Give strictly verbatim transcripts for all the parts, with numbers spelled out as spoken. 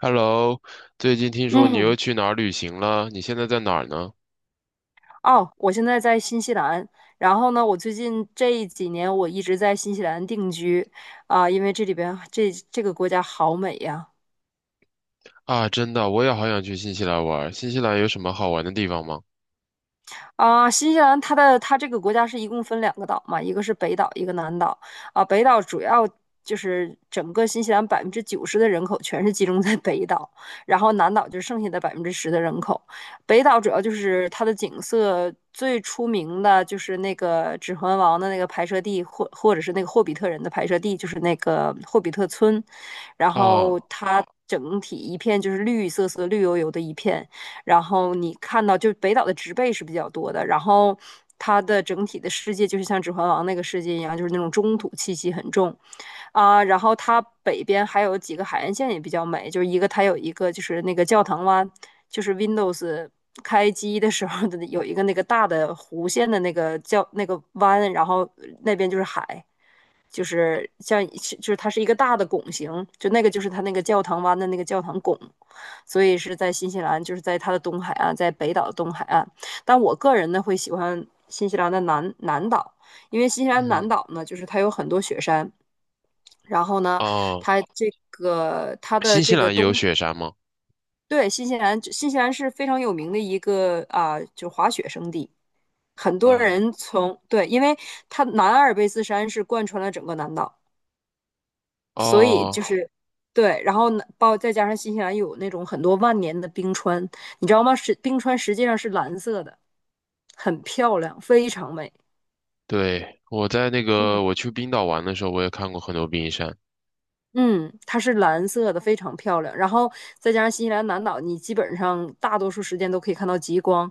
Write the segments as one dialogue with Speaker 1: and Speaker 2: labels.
Speaker 1: Hello，最近听说你又
Speaker 2: 嗯，
Speaker 1: 去哪儿旅行了？你现在在哪儿呢？
Speaker 2: 哦，我现在在新西兰，然后呢，我最近这几年我一直在新西兰定居。啊、因为这里边这这个国家好美呀。
Speaker 1: 啊，真的，我也好想去新西兰玩儿。新西兰有什么好玩的地方吗？
Speaker 2: 啊，新西兰它的它这个国家是一共分两个岛嘛，一个是北岛，一个南岛。啊，北岛主要就是整个新西兰百分之九十的人口全是集中在北岛，然后南岛就剩下的百分之十的人口。北岛主要就是它的景色最出名的就是那个《指环王》的那个拍摄地，或或者是那个霍比特人的拍摄地，就是那个霍比特村。然后
Speaker 1: 啊，
Speaker 2: 它整体一片就是绿色色、绿油油的一片，然后你看到就是北岛的植被是比较多的，然后它的整体的世界就是像《指环王》那个世界一样，就是那种中土气息很重。啊，然后它北边还有几个海岸线也比较美，就是一个它有一个就是那个教堂湾，就是 Windows 开机的时候的有一个那个大的弧线的那个叫那个湾，然后那边就是海，就是像就是它是一个大的拱形，就那个就是它那个教堂湾的那个教堂拱，所以是在新西兰，就是在它的东海岸，在北岛的东海岸。但我个人呢会喜欢新西兰的南南岛，因为新西兰南
Speaker 1: 嗯，
Speaker 2: 岛呢就是它有很多雪山。然后呢，
Speaker 1: 哦，
Speaker 2: 它这个它的
Speaker 1: 新西
Speaker 2: 这个
Speaker 1: 兰也有
Speaker 2: 东。
Speaker 1: 雪山吗？
Speaker 2: 对，新西兰，新西兰是非常有名的一个啊、就滑雪胜地，很多
Speaker 1: 啊，
Speaker 2: 人从，对，因为它南阿尔卑斯山是贯穿了整个南岛，所以就
Speaker 1: 哦，
Speaker 2: 是。对，然后呢，包再加上新西兰有那种很多万年的冰川，你知道吗？是冰川实际上是蓝色的，很漂亮，非常美。
Speaker 1: 对，我在那
Speaker 2: 嗯。
Speaker 1: 个我去冰岛玩的时候，我也看过很多冰山。
Speaker 2: 嗯，它是蓝色的，非常漂亮。然后再加上新西兰南岛，你基本上大多数时间都可以看到极光。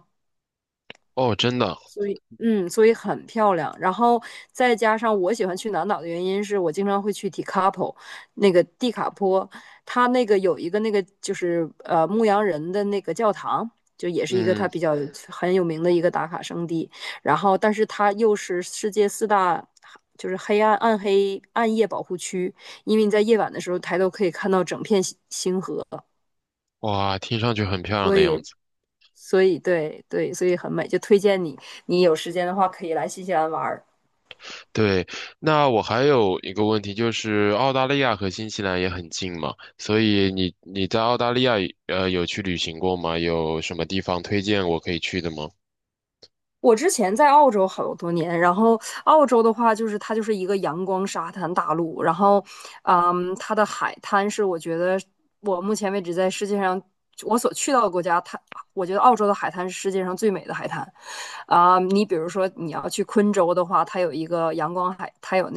Speaker 1: 哦，真的，
Speaker 2: 所以，嗯，所以很漂亮。然后再加上我喜欢去南岛的原因是我经常会去 Tekapo,那个蒂卡坡，它那个有一个那个就是呃牧羊人的那个教堂，就也是一个它
Speaker 1: 嗯，
Speaker 2: 比较很有名的一个打卡圣地。然后，但是它又是世界四大就是黑暗暗黑暗夜保护区，因为你在夜晚的时候抬头可以看到整片星星河，
Speaker 1: 哇，听上去很漂亮
Speaker 2: 所
Speaker 1: 的
Speaker 2: 以
Speaker 1: 样子。
Speaker 2: 所以对对，所以很美，就推荐你，你有时间的话可以来新西兰玩儿。
Speaker 1: 对，那我还有一个问题，就是澳大利亚和新西兰也很近嘛，所以你你在澳大利亚呃有去旅行过吗？有什么地方推荐我可以去的吗？
Speaker 2: 我之前在澳洲好多年，然后澳洲的话，就是它就是一个阳光沙滩大陆，然后，嗯，它的海滩是我觉得我目前为止在世界上我所去到的国家，它我觉得澳洲的海滩是世界上最美的海滩。啊、你比如说你要去昆州的话，它有一个阳光海，它有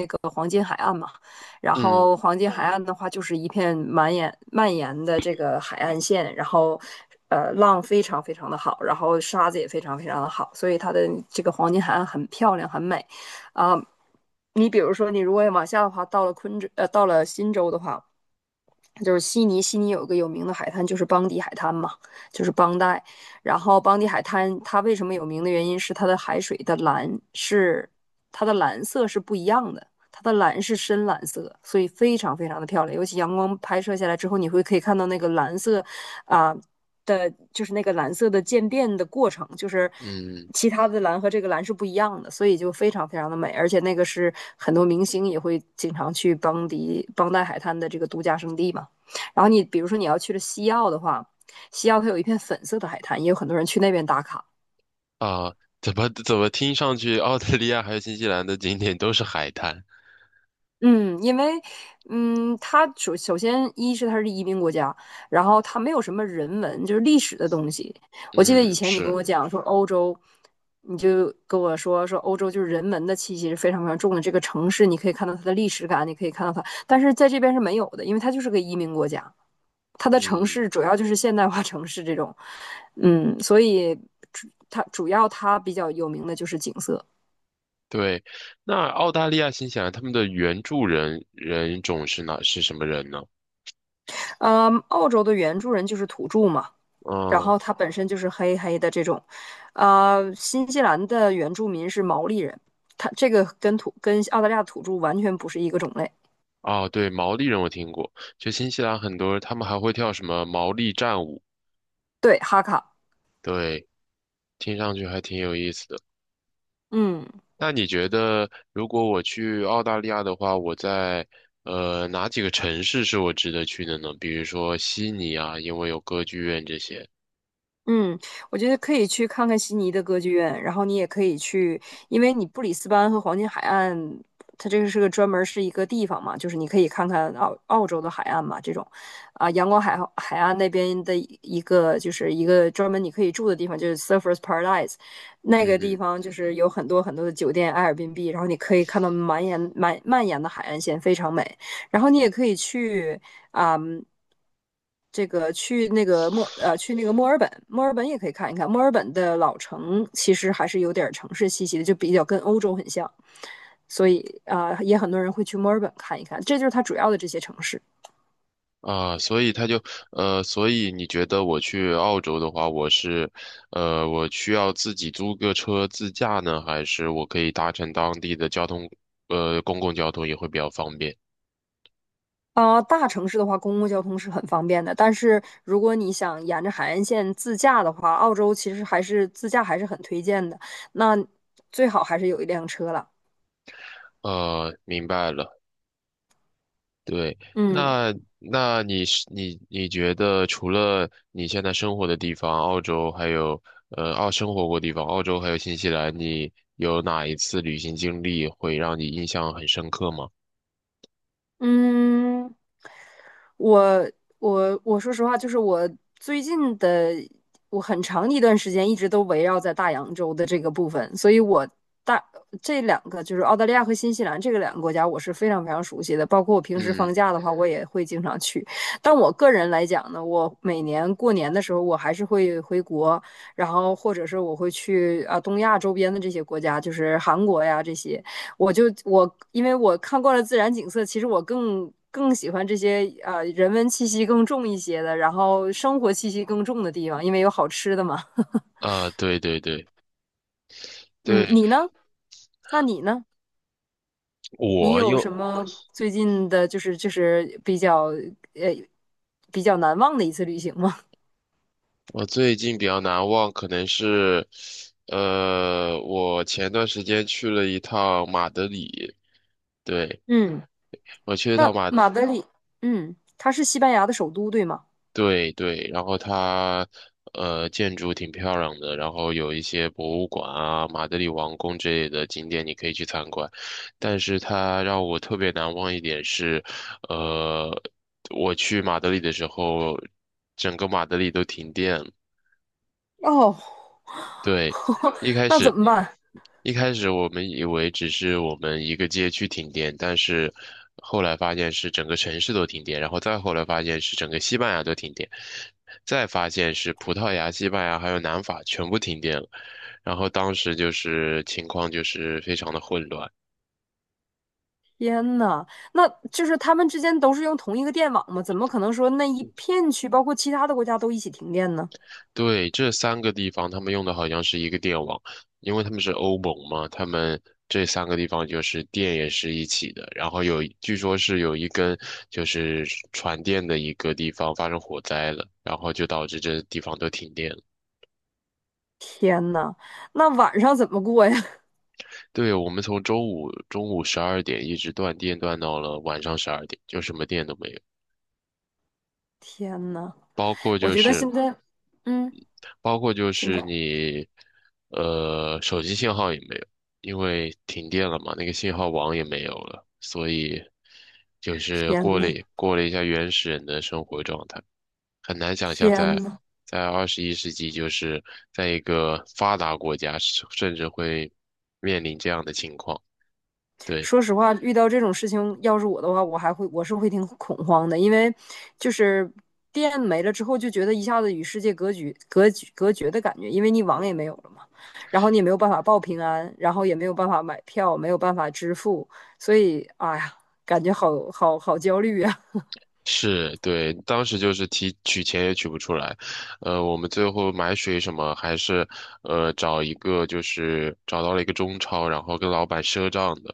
Speaker 2: 然
Speaker 1: 嗯
Speaker 2: 后黄金海岸的话，就是一片满延蔓延的这个海岸线，然后呃浪非常非常的好，然后沙子也非常非常的好，所以它的这个黄金海岸很漂亮，很美啊。你比如说，你如果往下的话，到了昆州，呃，到了新州的话，就是悉尼。悉尼有一个有名的海滩，就是邦迪海滩嘛，就是邦代。然后邦迪海滩它为什么有名的原因是它的海水的蓝是它的蓝色是不一样的，它的蓝是深蓝色，所以非常非常的漂亮。尤其阳光拍摄下来之后，你会可以看到那个蓝色啊、的，就是那个蓝色的渐变的过程，就是
Speaker 1: 嗯
Speaker 2: 其他的蓝和这个蓝是不一样的，所以就非常非常的美，而且那个是很多明星也会经常去邦迪邦代海滩的这个度假胜地嘛。然后你比如说你要去了西澳的话，西澳它有一片粉色的海滩，也有很多人去那边打卡。
Speaker 1: 啊，怎么怎么听上去澳大利亚还有新西兰的景点都是海滩？
Speaker 2: 嗯，因为，嗯，它首首先一是它是移民国家，然后它没有什么人文，就是历史的东西。我记得以
Speaker 1: 嗯，
Speaker 2: 前你跟
Speaker 1: 是，
Speaker 2: 我讲说欧洲，你就跟我说说欧洲就是人文的气息是非常非常重的。这个城市你可以看到它的历史感，你可以看到它，但是在这边是没有的，因为它就是个移民国家，它的城
Speaker 1: 嗯，
Speaker 2: 市主要就是现代化城市这种，嗯，所以主它主要它比较有名的就是景色。
Speaker 1: 对。那澳大利亚、新西兰他们的原住人人种是哪是什么人呢？
Speaker 2: 嗯，澳洲的原住人就是土著嘛。然
Speaker 1: 嗯。
Speaker 2: 后它本身就是黑黑的这种。呃，新西兰的原住民是毛利人，它这个跟土跟澳大利亚土著完全不是一个种类。
Speaker 1: 哦，对，毛利人我听过，就新西兰很多他们还会跳什么毛利战舞，
Speaker 2: 对，哈卡，
Speaker 1: 对，听上去还挺有意思的。
Speaker 2: 嗯。
Speaker 1: 那你觉得如果我去澳大利亚的话，我在呃哪几个城市是我值得去的呢？比如说悉尼啊，因为有歌剧院这些。
Speaker 2: 嗯，我觉得可以去看看悉尼的歌剧院，然后你也可以去，因为你布里斯班和黄金海岸，它这个是个专门儿是一个地方嘛，就是你可以看看澳澳洲的海岸嘛，这种。啊，阳光海海岸那边的一个就是一个专门你可以住的地方，就是 Surfers Paradise,那个
Speaker 1: 嗯
Speaker 2: 地
Speaker 1: 哼。
Speaker 2: 方就是有很多很多的酒店 Airbnb,然后你可以看到满眼满蔓延的海岸线，非常美。然后你也可以去啊、嗯这个去那个墨呃去那个墨尔本，墨尔本也可以看一看。墨尔本的老城其实还是有点城市气息的，就比较跟欧洲很像，所以啊、呃也很多人会去墨尔本看一看。这就是它主要的这些城市。
Speaker 1: 啊，所以他就，呃，所以你觉得我去澳洲的话，我是，呃，我需要自己租个车自驾呢，还是我可以搭乘当地的交通，呃，公共交通也会比较方便？
Speaker 2: 啊、大城市的话，公共交通是很方便的，但是如果你想沿着海岸线自驾的话，澳洲其实还是自驾还是很推荐的。那最好还是有一辆车了。
Speaker 1: 呃，明白了。对，
Speaker 2: 嗯。
Speaker 1: 那那你是你你觉得除了你现在生活的地方，澳洲还有呃澳生活过地方，澳洲还有新西兰，你有哪一次旅行经历会让你印象很深刻吗？
Speaker 2: 嗯，我我我说实话，就是我最近的我很长一段时间一直都围绕在大洋洲的这个部分，所以我大这两个就是澳大利亚和新西兰这个两个国家，我是非常非常熟悉的。包括我平时
Speaker 1: 嗯，
Speaker 2: 放假的话，我也会经常去。但我个人来讲呢，我每年过年的时候，我还是会回国，然后或者是我会去啊东亚周边的这些国家，就是韩国呀这些。我就我因为我看惯了自然景色，其实我更更喜欢这些呃人文气息更重一些的，然后生活气息更重的地方，因为有好吃的嘛。
Speaker 1: 啊，对对对。
Speaker 2: 嗯，
Speaker 1: 对，
Speaker 2: 你呢？那你呢？你
Speaker 1: 我
Speaker 2: 有
Speaker 1: 又，
Speaker 2: 什么最近的，就是就是比较呃比较难忘的一次旅行吗？
Speaker 1: 我最近比较难忘，可能是，呃，我前段时间去了一趟马德里，对，
Speaker 2: 嗯
Speaker 1: 我去 了一趟
Speaker 2: 那
Speaker 1: 马德，
Speaker 2: 马德里，嗯，它是西班牙的首都，对吗？
Speaker 1: 对对，然后它，呃，建筑挺漂亮的，然后有一些博物馆啊，马德里王宫之类的景点你可以去参观，但是它让我特别难忘一点是，呃，我去马德里的时候，整个马德里都停电了。
Speaker 2: 哦，
Speaker 1: 对，一开
Speaker 2: 那
Speaker 1: 始
Speaker 2: 怎么办？
Speaker 1: 一开始我们以为只是我们一个街区停电，但是后来发现是整个城市都停电，然后再后来发现是整个西班牙都停电，再发现是葡萄牙、西班牙还有南法全部停电了，然后当时就是情况就是非常的混乱。
Speaker 2: 天呐，那就是他们之间都是用同一个电网吗？怎么可能说那一片区，包括其他的国家都一起停电呢？
Speaker 1: 对，这三个地方他们用的好像是一个电网，因为他们是欧盟嘛，他们这三个地方就是电也是一起的，然后有，据说是有一根就是传电的一个地方发生火灾了，然后就导致这地方都停电了。
Speaker 2: 天呐，那晚上怎么过呀？
Speaker 1: 对，我们从周五中午十二点一直断电断到了晚上十二点，就什么电都没有，
Speaker 2: 天呐，
Speaker 1: 包括
Speaker 2: 我
Speaker 1: 就
Speaker 2: 觉得
Speaker 1: 是。
Speaker 2: 现在，嗯，
Speaker 1: 包括就
Speaker 2: 请
Speaker 1: 是
Speaker 2: 讲。
Speaker 1: 你，呃，手机信号也没有，因为停电了嘛，那个信号网也没有了，所以就是
Speaker 2: 天
Speaker 1: 过了
Speaker 2: 呐，
Speaker 1: 过了一下原始人的生活状态，很难想象
Speaker 2: 天
Speaker 1: 在
Speaker 2: 呐。
Speaker 1: 在二十一世纪，就是在一个发达国家，甚甚至会面临这样的情况。对。
Speaker 2: 说实话，遇到这种事情，要是我的话，我还会我是会挺恐慌的，因为就是电没了之后，就觉得一下子与世界隔绝、隔绝、隔绝的感觉，因为你网也没有了嘛，然后你也没有办法报平安，然后也没有办法买票，没有办法支付，所以哎呀，感觉好好好焦虑呀。
Speaker 1: 是，对，当时就是提取钱也取不出来，呃，我们最后买水什么还是，呃，找一个就是找到了一个中超，然后跟老板赊账的，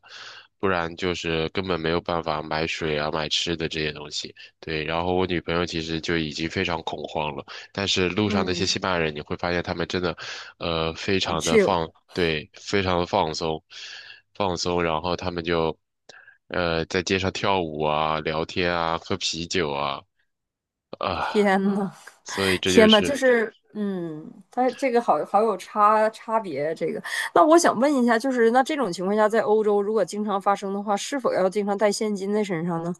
Speaker 1: 不然就是根本没有办法买水啊、买吃的这些东西。对，然后我女朋友其实就已经非常恐慌了，但是路上那些西
Speaker 2: 嗯，
Speaker 1: 班牙人，你会发现他们真的，呃，非
Speaker 2: 很
Speaker 1: 常的
Speaker 2: chill,
Speaker 1: 放，对，非常的放松，放松，然后他们就，呃，在街上跳舞啊，聊天啊，喝啤酒啊，啊，
Speaker 2: 天呐，
Speaker 1: 所以这就
Speaker 2: 天呐，就
Speaker 1: 是
Speaker 2: 是，嗯，它这个好好有差差别。这个，那我想问一下，就是那这种情况下，在欧洲如果经常发生的话，是否要经常带现金在身上呢？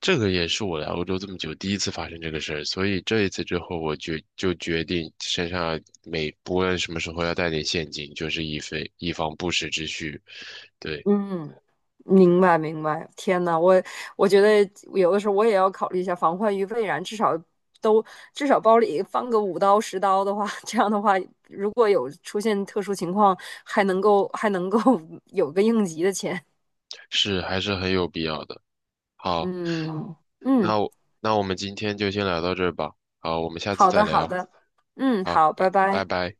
Speaker 1: 这个也是我来欧洲这么久第一次发生这个事儿，所以这一次之后，我决就决定身上每不论什么时候要带点现金，就是以备以防不时之需，对，
Speaker 2: 嗯，明白明白。天呐，我我觉得有的时候我也要考虑一下，防患于未然，至少都至少包里放个五刀十刀的话，这样的话，如果有出现特殊情况，还能够还能够 有个应急的钱。
Speaker 1: 是还是很有必要的。好，
Speaker 2: 嗯嗯。
Speaker 1: 那我那我们今天就先聊到这儿吧。好，我们下次
Speaker 2: 好
Speaker 1: 再
Speaker 2: 的，好
Speaker 1: 聊。
Speaker 2: 的，嗯，
Speaker 1: 好，
Speaker 2: 好，
Speaker 1: 拜
Speaker 2: 拜
Speaker 1: 拜
Speaker 2: 拜。
Speaker 1: 拜。